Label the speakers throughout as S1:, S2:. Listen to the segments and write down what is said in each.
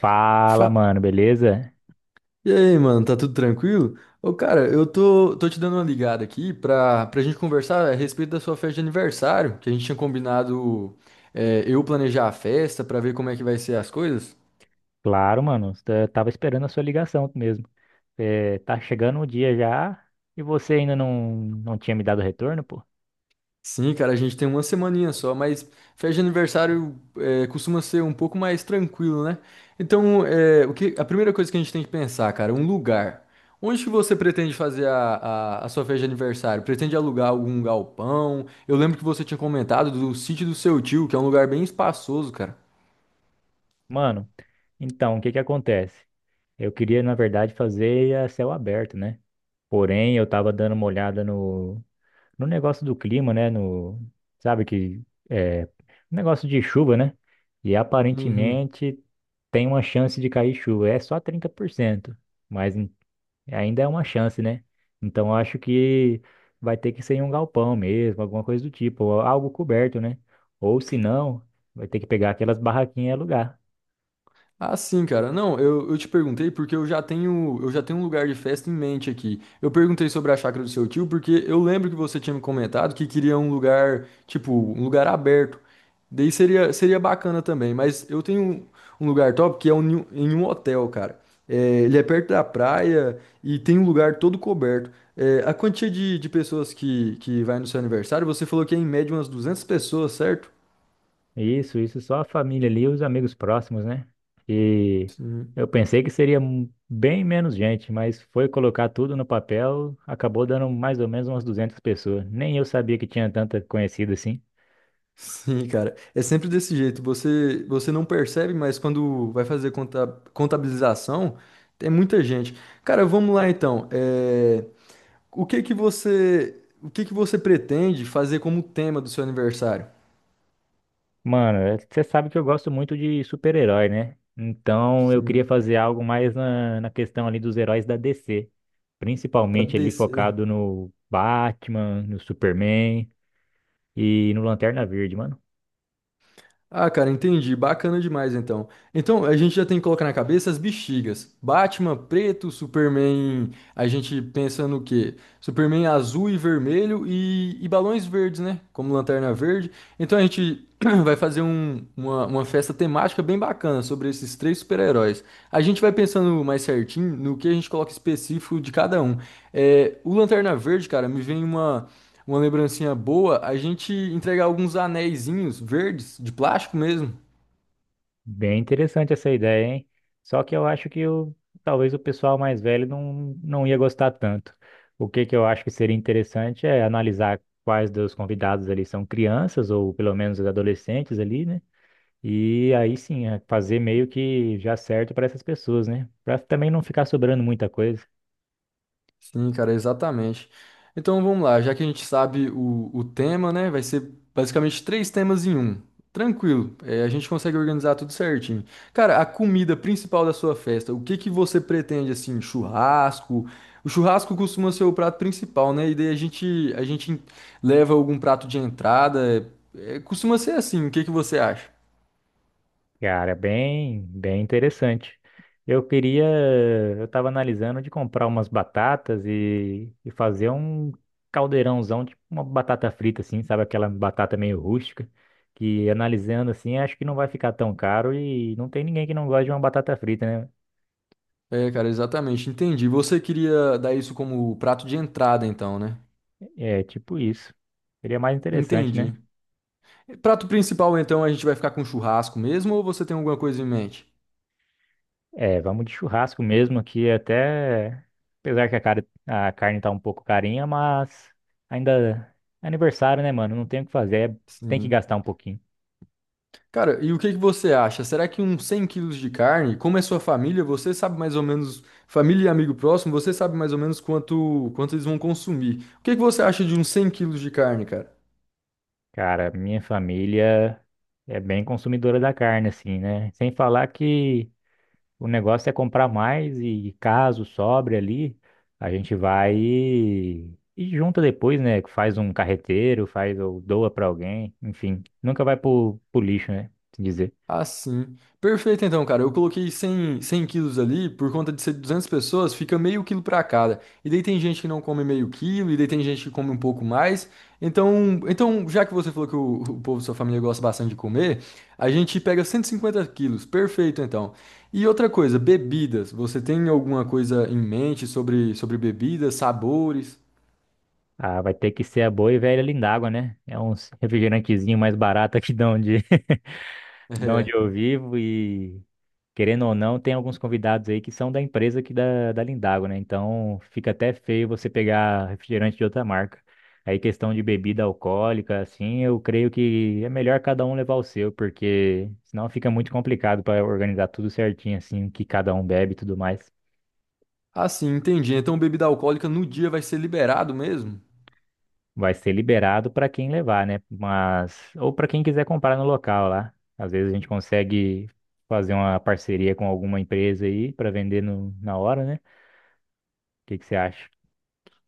S1: Fala,
S2: Fa-
S1: mano, beleza?
S2: E aí, mano, tá tudo tranquilo? Ô, cara, eu tô te dando uma ligada aqui pra gente conversar a respeito da sua festa de aniversário, que a gente tinha combinado, eu planejar a festa pra ver como é que vai ser as coisas.
S1: Claro, mano, eu tava esperando a sua ligação mesmo. É, tá chegando o dia já e você ainda não tinha me dado retorno, pô?
S2: Sim, cara, a gente tem uma semaninha só, mas festa de aniversário costuma ser um pouco mais tranquilo, né? Então, a primeira coisa que a gente tem que pensar, cara, é um lugar. Onde que você pretende fazer a sua festa de aniversário? Pretende alugar algum galpão? Eu lembro que você tinha comentado do sítio do seu tio, que é um lugar bem espaçoso, cara.
S1: Mano, então, o que que acontece? Eu queria, na verdade, fazer a céu aberto, né? Porém, eu tava dando uma olhada no negócio do clima, né? No, sabe que é negócio de chuva, né? E
S2: Uhum.
S1: aparentemente tem uma chance de cair chuva, é só 30%. Mas ainda é uma chance, né? Então eu acho que vai ter que ser em um galpão mesmo, alguma coisa do tipo, ou algo coberto, né? Ou se não, vai ter que pegar aquelas barraquinhas e alugar.
S2: Ah, sim, cara. Não, eu te perguntei porque eu já tenho um lugar de festa em mente aqui. Eu perguntei sobre a chácara do seu tio porque eu lembro que você tinha me comentado que queria um lugar, tipo, um lugar aberto. Daí seria, seria bacana também, mas eu tenho um lugar top que é um, em um um hotel, cara. É, ele é perto da praia e tem um lugar todo coberto. É, a quantia de pessoas que vai no seu aniversário, você falou que é em média umas 200 pessoas, certo?
S1: Isso só a família ali e os amigos próximos, né? E eu pensei que seria bem menos gente, mas foi colocar tudo no papel, acabou dando mais ou menos umas 200 pessoas. Nem eu sabia que tinha tanta conhecida assim.
S2: Sim, cara. É sempre desse jeito. Você não percebe, mas quando vai fazer conta, contabilização, tem muita gente. Cara, vamos lá então. É, o que que você, o que que você pretende fazer como tema do seu aniversário?
S1: Mano, é, você sabe que eu gosto muito de super-herói, né? Então eu queria
S2: Sim,
S1: fazer algo mais na questão ali dos heróis da DC,
S2: tá
S1: principalmente ali
S2: descer.
S1: focado no Batman, no Superman e no Lanterna Verde, mano.
S2: Ah, cara, entendi. Bacana demais então. Então, a gente já tem que colocar na cabeça as bexigas. Batman preto, Superman. A gente pensa no quê? Superman azul e vermelho e balões verdes, né? Como lanterna verde. Então a gente vai fazer uma festa temática bem bacana sobre esses três super-heróis. A gente vai pensando mais certinho no que a gente coloca específico de cada um. É, o Lanterna Verde, cara, me vem uma lembrancinha boa. A gente entregar alguns anéisinhos verdes, de plástico mesmo.
S1: Bem interessante essa ideia, hein? Só que eu acho que o talvez o pessoal mais velho não ia gostar tanto. O que que eu acho que seria interessante é analisar quais dos convidados ali são crianças ou pelo menos adolescentes ali, né? E aí sim, é fazer meio que já certo para essas pessoas, né? Para também não ficar sobrando muita coisa.
S2: Sim, cara, exatamente. Então vamos lá, já que a gente sabe o tema, né? Vai ser basicamente três temas em um. Tranquilo, é, a gente consegue organizar tudo certinho. Cara, a comida principal da sua festa, o que que você pretende assim? Churrasco? O churrasco costuma ser o prato principal, né? E daí a gente leva algum prato de entrada. É, costuma ser assim, o que que você acha?
S1: Cara, bem, bem interessante. Eu queria, eu estava analisando de comprar umas batatas e fazer um caldeirãozão, tipo uma batata frita assim, sabe aquela batata meio rústica, que analisando assim, acho que não vai ficar tão caro e não tem ninguém que não gosta de uma batata frita, né?
S2: É, cara, exatamente, entendi. Você queria dar isso como prato de entrada, então, né?
S1: É tipo isso. Seria mais interessante,
S2: Entendi.
S1: né?
S2: Prato principal, então, a gente vai ficar com churrasco mesmo ou você tem alguma coisa em mente?
S1: É, vamos de churrasco mesmo aqui, até. Apesar que a, cara, a carne tá um pouco carinha, mas ainda é aniversário, né, mano? Não tem o que fazer, é, tem que
S2: Sim.
S1: gastar um pouquinho.
S2: Cara, e o que que você acha? Será que uns 100 quilos de carne, como é sua família, você sabe mais ou menos, família e amigo próximo, você sabe mais ou menos quanto eles vão consumir. O que que você acha de uns 100 quilos de carne, cara?
S1: Cara, minha família é bem consumidora da carne, assim, né? Sem falar que o negócio é comprar mais e caso sobre ali, a gente vai e junta depois, né? Faz um carreteiro, faz ou doa pra alguém, enfim. Nunca vai pro lixo, né? Se dizer.
S2: Ah, sim. Perfeito, então, cara. Eu coloquei 100 quilos ali, por conta de ser 200 pessoas, fica meio quilo para cada. E daí tem gente que não come meio quilo, e daí tem gente que come um pouco mais. Então, já que você falou que o povo da sua família gosta bastante de comer, a gente pega 150 quilos. Perfeito, então. E outra coisa, bebidas. Você tem alguma coisa em mente sobre bebidas, sabores?
S1: Ah, vai ter que ser a boa e velha Lindágua, né? É uns refrigerantezinho mais barato aqui de onde, de onde
S2: É.
S1: eu vivo e, querendo ou não, tem alguns convidados aí que são da empresa aqui da Lindágua, né? Então fica até feio você pegar refrigerante de outra marca. Aí questão de bebida alcoólica, assim, eu creio que é melhor cada um levar o seu, porque senão fica muito complicado para organizar tudo certinho, assim, o que cada um bebe e tudo mais.
S2: Ah, sim, entendi. Então, bebida alcoólica no dia vai ser liberado mesmo?
S1: Vai ser liberado para quem levar, né? Mas ou para quem quiser comprar no local lá. Às vezes a gente consegue fazer uma parceria com alguma empresa aí para vender no, na hora, né? O que que você acha?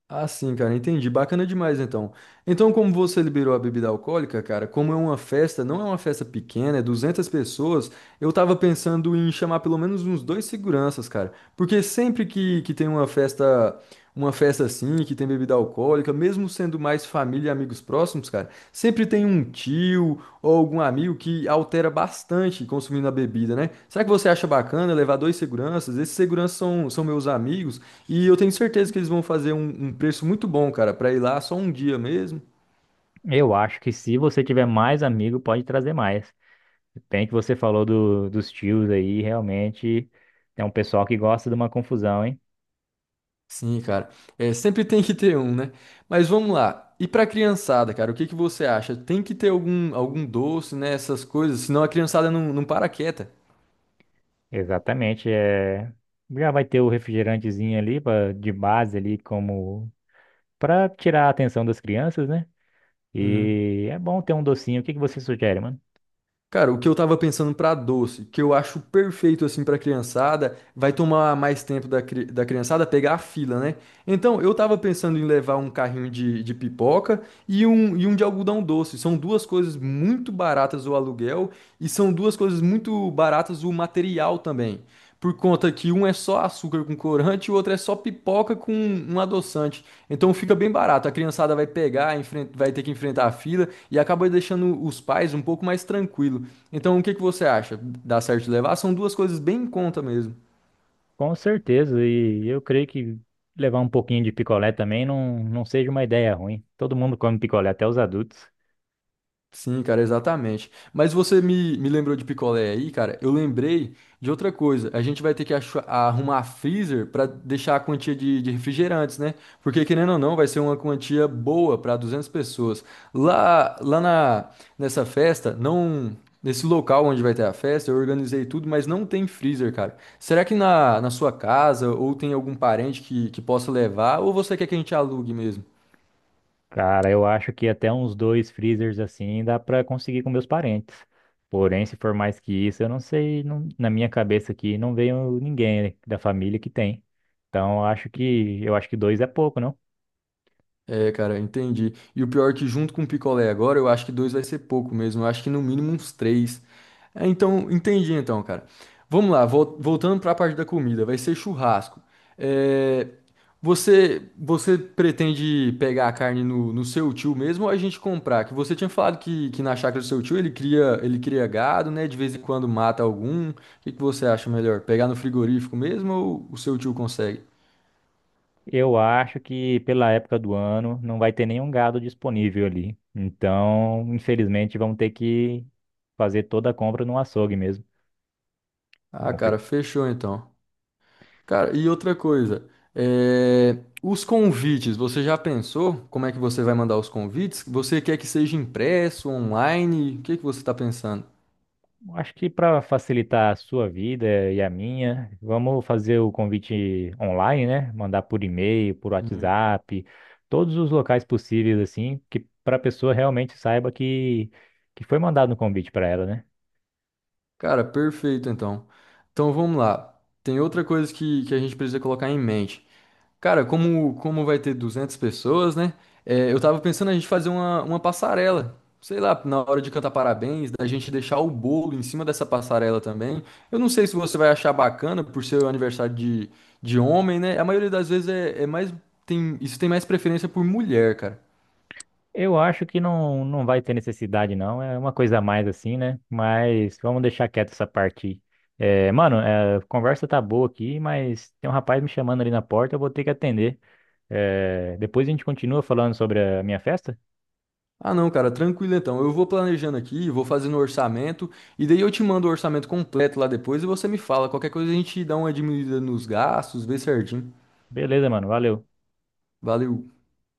S2: Ah, sim, cara, entendi. Bacana demais, então. Então, como você liberou a bebida alcoólica, cara, como é uma festa, não é uma festa pequena, é 200 pessoas, eu tava pensando em chamar pelo menos uns dois seguranças, cara. Porque sempre que tem uma festa assim, que tem bebida alcoólica, mesmo sendo mais família e amigos próximos, cara, sempre tem um tio ou algum amigo que altera bastante consumindo a bebida, né? Será que você acha bacana levar dois seguranças? Esses seguranças são meus amigos e eu tenho certeza que eles vão fazer um preço muito bom, cara, pra ir lá só um dia mesmo.
S1: Eu acho que se você tiver mais amigo, pode trazer mais. Bem que você falou dos tios aí, realmente tem um pessoal que gosta de uma confusão, hein?
S2: Sim, cara. É, sempre tem que ter um, né? Mas vamos lá. E pra criançada, cara, o que que você acha? Tem que ter algum doce, né? Essas coisas, senão a criançada não para quieta.
S1: Exatamente, é já vai ter o refrigerantezinho ali pra, de base ali como para tirar a atenção das crianças, né?
S2: Sim.
S1: E é bom ter um docinho. O que que você sugere, mano?
S2: Cara, o que eu tava pensando pra doce, que eu acho perfeito assim pra criançada, vai tomar mais tempo da criançada pegar a fila, né? Então, eu tava pensando em levar um carrinho de pipoca e um de algodão doce. São duas coisas muito baratas o aluguel e são duas coisas muito baratas o material também. Por conta que um é só açúcar com corante e o outro é só pipoca com um adoçante. Então fica bem barato. A criançada vai pegar, vai ter que enfrentar a fila e acaba deixando os pais um pouco mais tranquilo. Então o que que você acha? Dá certo levar? São duas coisas bem em conta mesmo.
S1: Com certeza. E eu creio que levar um pouquinho de picolé também não seja uma ideia ruim. Todo mundo come picolé, até os adultos.
S2: Sim, cara, exatamente. Mas você me lembrou de picolé aí, cara. Eu lembrei de outra coisa. A gente vai ter que arrumar freezer para deixar a quantia de refrigerantes, né? Porque, querendo ou não, vai ser uma quantia boa para 200 pessoas. Lá, lá na, nessa festa, não, nesse local onde vai ter a festa, eu organizei tudo, mas não tem freezer, cara. Será que na sua casa ou tem algum parente que possa levar? Ou você quer que a gente alugue mesmo?
S1: Cara, eu acho que até uns dois freezers assim dá pra conseguir com meus parentes. Porém, se for mais que isso, eu não sei. Na minha cabeça aqui não veio ninguém da família que tem. Então, eu acho que dois é pouco, não?
S2: É, cara, entendi. E o pior é que junto com o picolé agora, eu acho que dois vai ser pouco mesmo. Eu acho que no mínimo uns três. É, então, entendi então, cara. Vamos lá, voltando para a parte da comida, vai ser churrasco. É, você pretende pegar a carne no seu tio mesmo ou a gente comprar? Que você tinha falado que na chácara do seu tio ele cria gado, né? De vez em quando mata algum. O que que você acha melhor? Pegar no frigorífico mesmo ou o seu tio consegue?
S1: Eu acho que pela época do ano não vai ter nenhum gado disponível ali. Então, infelizmente, vamos ter que fazer toda a compra no açougue mesmo.
S2: Ah,
S1: Não
S2: cara,
S1: foi-
S2: fechou então. Cara, e outra coisa, é, os convites, você já pensou como é que você vai mandar os convites? Você quer que seja impresso, online? O que que você está pensando?
S1: Acho que para facilitar a sua vida e a minha, vamos fazer o convite online, né? Mandar por e-mail, por
S2: Uhum.
S1: WhatsApp, todos os locais possíveis assim, que para a pessoa realmente saiba que foi mandado um convite para ela, né?
S2: Cara, perfeito então. Então vamos lá. Tem outra coisa que a gente precisa colocar em mente. Cara, como vai ter 200 pessoas, né? É, eu tava pensando a gente fazer uma passarela. Sei lá, na hora de cantar parabéns, da gente deixar o bolo em cima dessa passarela também. Eu não sei se você vai achar bacana por ser o aniversário de homem, né? A maioria das vezes é mais. Tem, isso tem mais preferência por mulher, cara.
S1: Eu acho que não vai ter necessidade, não. É uma coisa a mais assim, né? Mas vamos deixar quieto essa parte. É, mano, é, a conversa tá boa aqui, mas tem um rapaz me chamando ali na porta, eu vou ter que atender. É, depois a gente continua falando sobre a minha festa?
S2: Ah, não, cara, tranquilo então. Eu vou planejando aqui, vou fazendo o orçamento, e daí eu te mando o orçamento completo lá depois e você me fala. Qualquer coisa a gente dá uma diminuída nos gastos, vê certinho.
S1: Beleza, mano, valeu.
S2: Valeu.